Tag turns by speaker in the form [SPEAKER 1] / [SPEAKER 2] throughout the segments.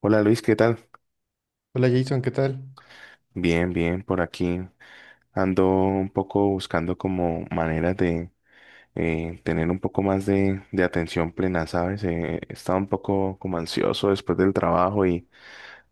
[SPEAKER 1] Hola Luis, ¿qué tal?
[SPEAKER 2] Hola Jason, ¿qué tal?
[SPEAKER 1] Bien, bien, por aquí ando un poco buscando como maneras de tener un poco más de atención plena, ¿sabes? He estado un poco como ansioso después del trabajo y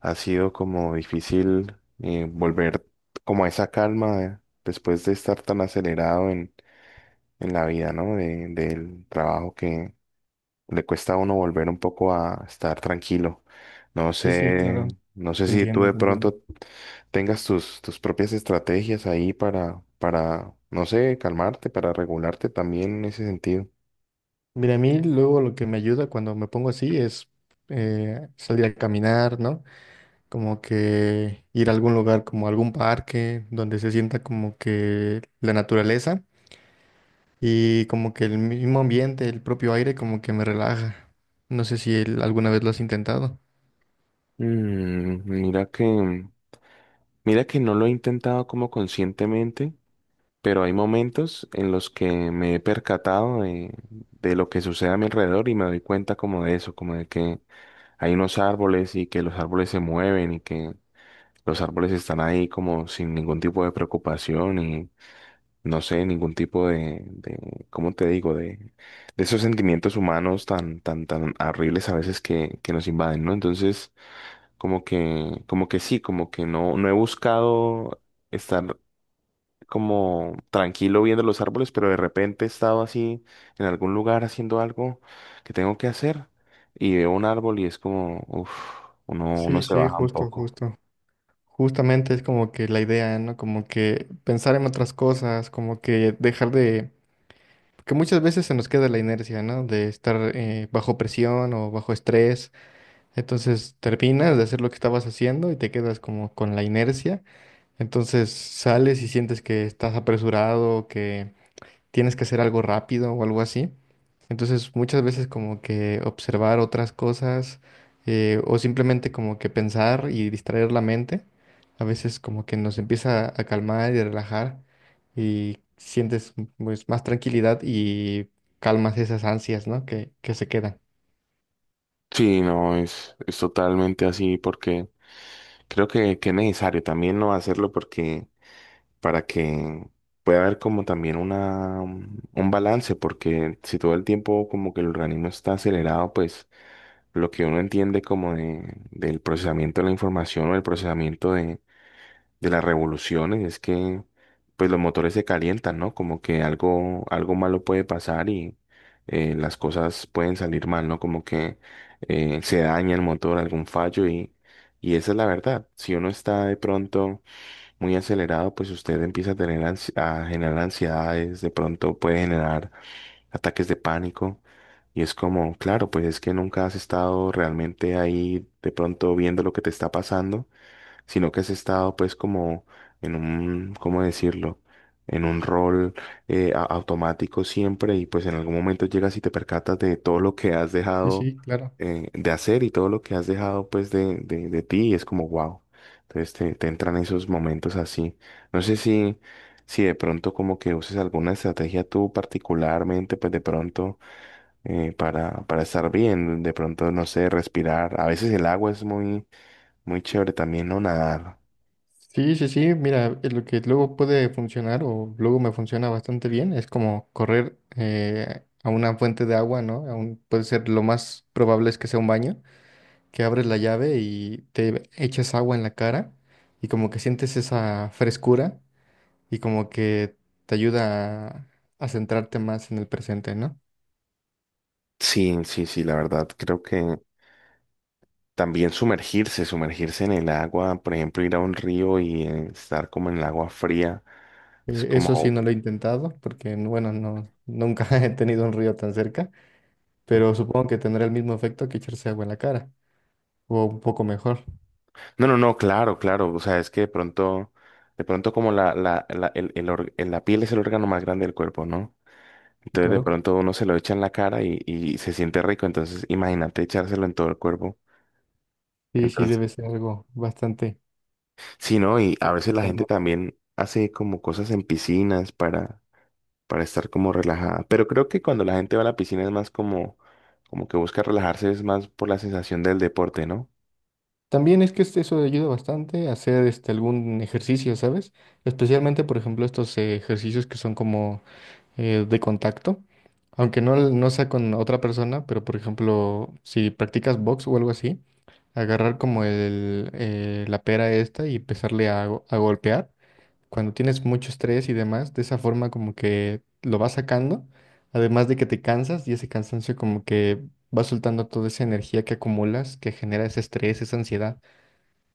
[SPEAKER 1] ha sido como difícil volver como a esa calma después de estar tan acelerado en la vida, ¿no? De- del trabajo que le cuesta a uno volver un poco a estar tranquilo. No
[SPEAKER 2] Sí, sí, claro,
[SPEAKER 1] sé, no sé
[SPEAKER 2] te
[SPEAKER 1] si tú
[SPEAKER 2] entiendo,
[SPEAKER 1] de
[SPEAKER 2] te entiendo.
[SPEAKER 1] pronto tengas tus propias estrategias ahí para no sé, calmarte, para regularte también en ese sentido.
[SPEAKER 2] Mira, a mí luego lo que me ayuda cuando me pongo así es salir a caminar, ¿no? Como que ir a algún lugar, como algún parque, donde se sienta como que la naturaleza y como que el mismo ambiente, el propio aire, como que me relaja. No sé si alguna vez lo has intentado.
[SPEAKER 1] Mm, mira que no lo he intentado como conscientemente, pero hay momentos en los que me he percatado de lo que sucede a mi alrededor y me doy cuenta como de eso, como de que hay unos árboles y que los árboles se mueven y que los árboles están ahí como sin ningún tipo de preocupación y no sé, ningún tipo de ¿cómo te digo? De esos sentimientos humanos tan, tan, tan horribles a veces que nos invaden, ¿no? Entonces, como que sí, como que no, no he buscado estar como tranquilo viendo los árboles, pero de repente he estado así en algún lugar haciendo algo que tengo que hacer y veo un árbol y es como, uff, uno
[SPEAKER 2] Sí,
[SPEAKER 1] se
[SPEAKER 2] sí,
[SPEAKER 1] baja un
[SPEAKER 2] justo,
[SPEAKER 1] poco.
[SPEAKER 2] justo. Justamente es como que la idea, ¿no? Como que pensar en otras cosas, como que dejar de que muchas veces se nos queda la inercia, ¿no? De estar bajo presión o bajo estrés. Entonces terminas de hacer lo que estabas haciendo y te quedas como con la inercia. Entonces sales y sientes que estás apresurado, que tienes que hacer algo rápido o algo así. Entonces muchas veces como que observar otras cosas o simplemente como que pensar y distraer la mente a veces como que nos empieza a calmar y a relajar y sientes pues, más tranquilidad y calmas esas ansias, ¿no? Que se quedan.
[SPEAKER 1] Sí, no, es totalmente así porque creo que es necesario también no hacerlo porque para que pueda haber como también una, mm, un balance porque si todo el tiempo como que el organismo está acelerado, pues lo que uno entiende como del procesamiento de la información o el procesamiento de las revoluciones es que pues los motores se calientan, ¿no? Como que algo, algo malo puede pasar y las cosas pueden salir mal, ¿no? Como que se daña el motor, algún fallo y esa es la verdad. Si uno está de pronto muy acelerado, pues usted empieza a tener a generar ansiedades, de pronto puede generar ataques de pánico. Y es como, claro, pues es que nunca has estado realmente ahí de pronto viendo lo que te está pasando sino que has estado pues como en un, ¿cómo decirlo? En un rol automático siempre y pues en algún momento llegas y te percatas de todo lo que has
[SPEAKER 2] Sí,
[SPEAKER 1] dejado
[SPEAKER 2] sí, claro.
[SPEAKER 1] de hacer y todo lo que has dejado pues de de ti y es como wow. Entonces te entran esos momentos así. No sé si de pronto como que uses alguna estrategia tú particularmente pues de pronto para estar bien, de pronto, no sé, respirar. A veces el agua es muy, muy chévere también, ¿no? Nadar.
[SPEAKER 2] Sí, sí, sí, mira, lo que luego puede funcionar o luego me funciona bastante bien es como correr a una fuente de agua, ¿no? Puede ser lo más probable es que sea un baño, que abres la llave y te echas agua en la cara y como que sientes esa frescura y como que te ayuda a centrarte más en el presente, ¿no?
[SPEAKER 1] Sí, sí, sí, la verdad, creo que también sumergirse en el agua, por ejemplo, ir a un río y estar como en el agua fría, es
[SPEAKER 2] Eso sí
[SPEAKER 1] como,
[SPEAKER 2] no lo he intentado porque, bueno, no, nunca he tenido un río tan cerca, pero supongo que tendrá el mismo efecto que echarse agua en la cara o un poco mejor,
[SPEAKER 1] no, no, no, claro, claro, o sea, es que de pronto como la, el la piel es el órgano más grande del cuerpo, ¿no?
[SPEAKER 2] sí,
[SPEAKER 1] Entonces de
[SPEAKER 2] claro.
[SPEAKER 1] pronto uno se lo echa en la cara y se siente rico, entonces imagínate echárselo en todo el cuerpo.
[SPEAKER 2] Sí, sí,
[SPEAKER 1] Entonces,
[SPEAKER 2] debe ser algo bastante
[SPEAKER 1] sí, ¿no? Y a veces la gente
[SPEAKER 2] calmante.
[SPEAKER 1] también hace como cosas en piscinas para estar como relajada. Pero creo que cuando la gente va a la piscina es más como, como que busca relajarse, es más por la sensación del deporte, ¿no?
[SPEAKER 2] También es que eso ayuda bastante a hacer este, algún ejercicio, ¿sabes? Especialmente, por ejemplo, estos ejercicios que son como de contacto, aunque no, no sea con otra persona, pero por ejemplo, si practicas box o algo así, agarrar como el, la pera esta y empezarle a, a golpear. Cuando tienes mucho estrés y demás, de esa forma como que lo vas sacando, además de que te cansas y ese cansancio como que va soltando toda esa energía que acumulas, que genera ese estrés, esa ansiedad,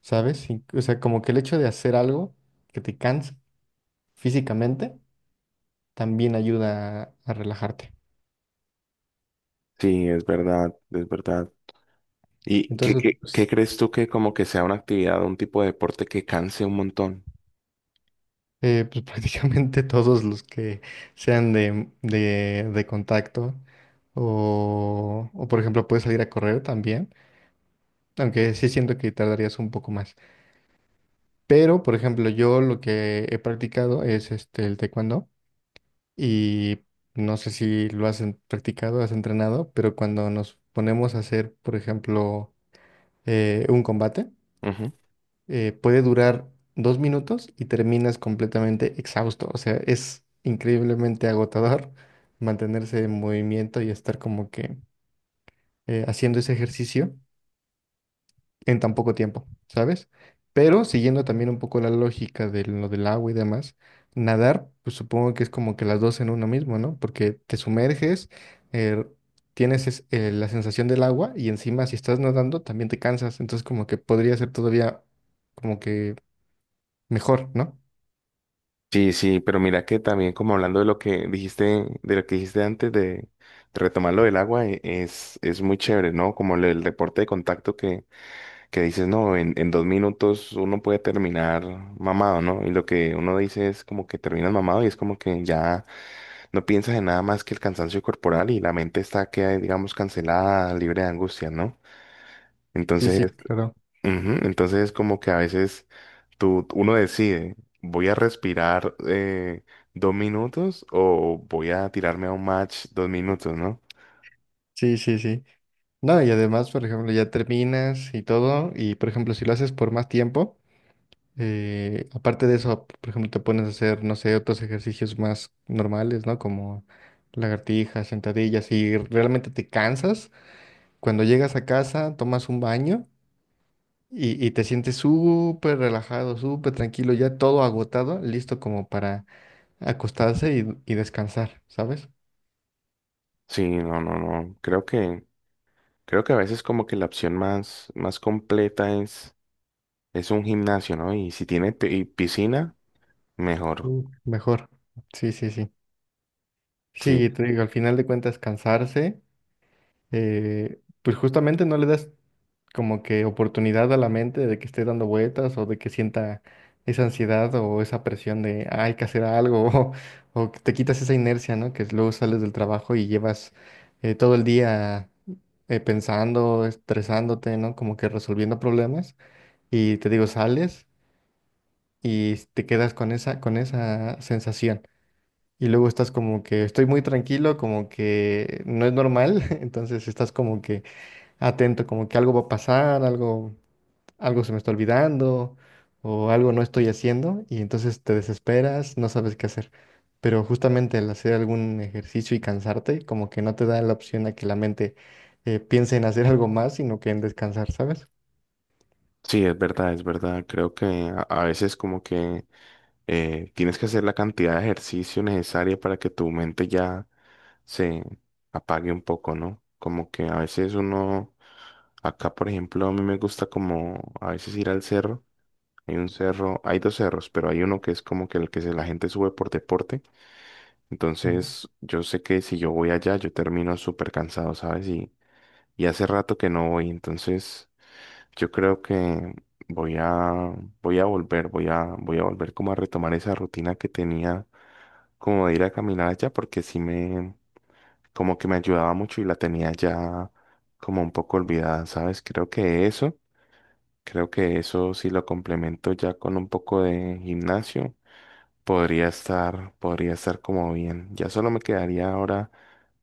[SPEAKER 2] ¿sabes? Y- o sea, como que el hecho de hacer algo que te cansa físicamente también ayuda a relajarte.
[SPEAKER 1] Sí, es verdad, es verdad. ¿Y
[SPEAKER 2] Entonces,
[SPEAKER 1] qué
[SPEAKER 2] pues,
[SPEAKER 1] crees tú que como que sea una actividad, un tipo de deporte que canse un montón?
[SPEAKER 2] pues prácticamente todos los que sean de, de contacto o, por ejemplo, puedes salir a correr también, aunque sí siento que tardarías un poco más. Pero, por ejemplo, yo lo que he practicado es este, el taekwondo y no sé si lo has practicado, has entrenado, pero cuando nos ponemos a hacer, por ejemplo, un combate,
[SPEAKER 1] Ujú.
[SPEAKER 2] puede durar 2 minutos y terminas completamente exhausto. O sea, es increíblemente agotador mantenerse en movimiento y estar como que haciendo ese ejercicio en tan poco tiempo, ¿sabes? Pero siguiendo también un poco la lógica de lo del agua y demás, nadar, pues supongo que es como que las dos en uno mismo, ¿no? Porque te sumerges, eh, tienes la sensación del agua y encima si estás nadando también te cansas, entonces como que podría ser todavía como que mejor, ¿no?
[SPEAKER 1] Sí, sí, pero mira que también como hablando de lo que dijiste, de lo que dijiste antes de retomar lo del agua, es muy chévere, ¿no? Como el deporte de contacto que dices, no, en 2 minutos uno puede terminar mamado, ¿no? Y lo que uno dice es como que terminas mamado y es como que ya no piensas en nada más que el cansancio corporal y la mente está que, digamos, cancelada, libre de angustia, ¿no?
[SPEAKER 2] Sí,
[SPEAKER 1] Entonces,
[SPEAKER 2] sí, claro.
[SPEAKER 1] ujú, entonces es como que a veces uno decide, voy a respirar 2 minutos o voy a tirarme a un match 2 minutos, ¿no?
[SPEAKER 2] Sí, sí, sí. No, y además, por ejemplo, ya terminas y todo, y por ejemplo, si lo haces por más tiempo, aparte de eso, por ejemplo, te pones a hacer, no sé, otros ejercicios más normales, ¿no? Como lagartijas, sentadillas, y realmente te cansas. Cuando llegas a casa, tomas un baño y te sientes súper relajado, súper tranquilo, ya todo agotado, listo como para acostarse y descansar, ¿sabes?
[SPEAKER 1] Sí, no, no, no. Creo que a veces como que la opción más, más completa es un gimnasio, ¿no? Y si tiene piscina, mejor.
[SPEAKER 2] Mm. Mejor. Sí, sí, sí.
[SPEAKER 1] Sí,
[SPEAKER 2] Sí, te digo, al final de cuentas cansarse, pues justamente no le das como que oportunidad a la mente de que esté dando vueltas o de que sienta esa ansiedad o esa presión de "Ah, hay que hacer algo o que te quitas esa inercia, ¿no? Que luego sales del trabajo y llevas todo el día pensando, estresándote, ¿no? Como que resolviendo problemas y te digo, sales y te quedas con esa sensación. Y luego estás como que estoy muy tranquilo, como que no es normal, entonces estás como que atento, como que algo va a pasar, algo, algo se me está olvidando o algo no estoy haciendo y entonces te desesperas, no sabes qué hacer. Pero justamente al hacer algún ejercicio y cansarte, como que no te da la opción a que la mente piense en hacer algo más, sino que en descansar, ¿sabes?
[SPEAKER 1] sí, es verdad, es verdad. Creo que a veces como que tienes que hacer la cantidad de ejercicio necesaria para que tu mente ya se apague un poco, ¿no? Como que a veces uno, acá por ejemplo, a mí me gusta como a veces ir al cerro. Hay un cerro, hay dos cerros, pero hay uno que es como que el la gente sube por deporte.
[SPEAKER 2] Ujú.
[SPEAKER 1] Entonces, yo sé que si yo voy allá, yo termino súper cansado, ¿sabes? Y hace rato que no voy, entonces yo creo que voy a volver, voy a volver como a retomar esa rutina que tenía como de ir a caminar allá porque sí me como que me ayudaba mucho y la tenía ya como un poco olvidada, ¿sabes? Creo que eso si lo complemento ya con un poco de gimnasio, podría estar como bien. Ya solo me quedaría ahora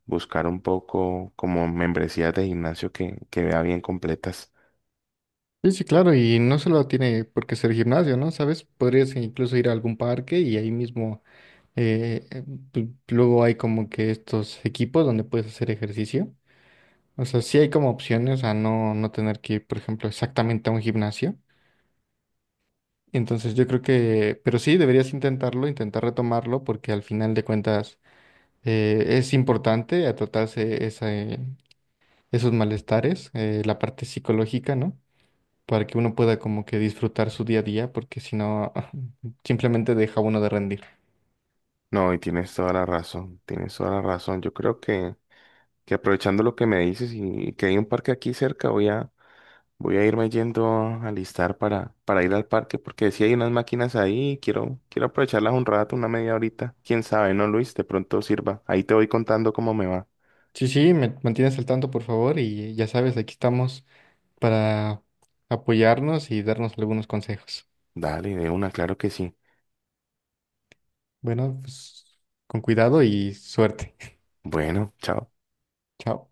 [SPEAKER 1] buscar un poco como membresías de gimnasio que vea bien completas.
[SPEAKER 2] Sí, sí, claro, y no solo tiene por qué ser gimnasio, ¿no? ¿Sabes? Podrías incluso ir a algún parque y ahí mismo Eh, eh, luego hay como que estos equipos donde puedes hacer ejercicio. O sea, sí hay como opciones a no, no tener que ir, por ejemplo, exactamente a un gimnasio. Entonces yo creo que, pero sí, deberías intentarlo, intentar retomarlo, porque al final de cuentas es importante a tratarse esos malestares, la parte psicológica, ¿no? Para que uno pueda como que disfrutar su día a día, porque si no, simplemente deja uno de rendir.
[SPEAKER 1] No, y tienes toda la razón, tienes toda la razón. Yo creo que aprovechando lo que me dices y que hay un parque aquí cerca, voy a, voy a irme yendo a alistar para ir al parque, porque si hay unas máquinas ahí, quiero aprovecharlas un rato, una media horita. Quién sabe, ¿no, Luis? De pronto sirva. Ahí te voy contando cómo me va.
[SPEAKER 2] Sí, sí, me mantienes al tanto, por favor, y ya sabes, aquí estamos para apoyarnos y darnos algunos consejos.
[SPEAKER 1] Dale, de una, claro que sí.
[SPEAKER 2] Bueno, pues con cuidado y suerte.
[SPEAKER 1] Bueno, chao.
[SPEAKER 2] Chao.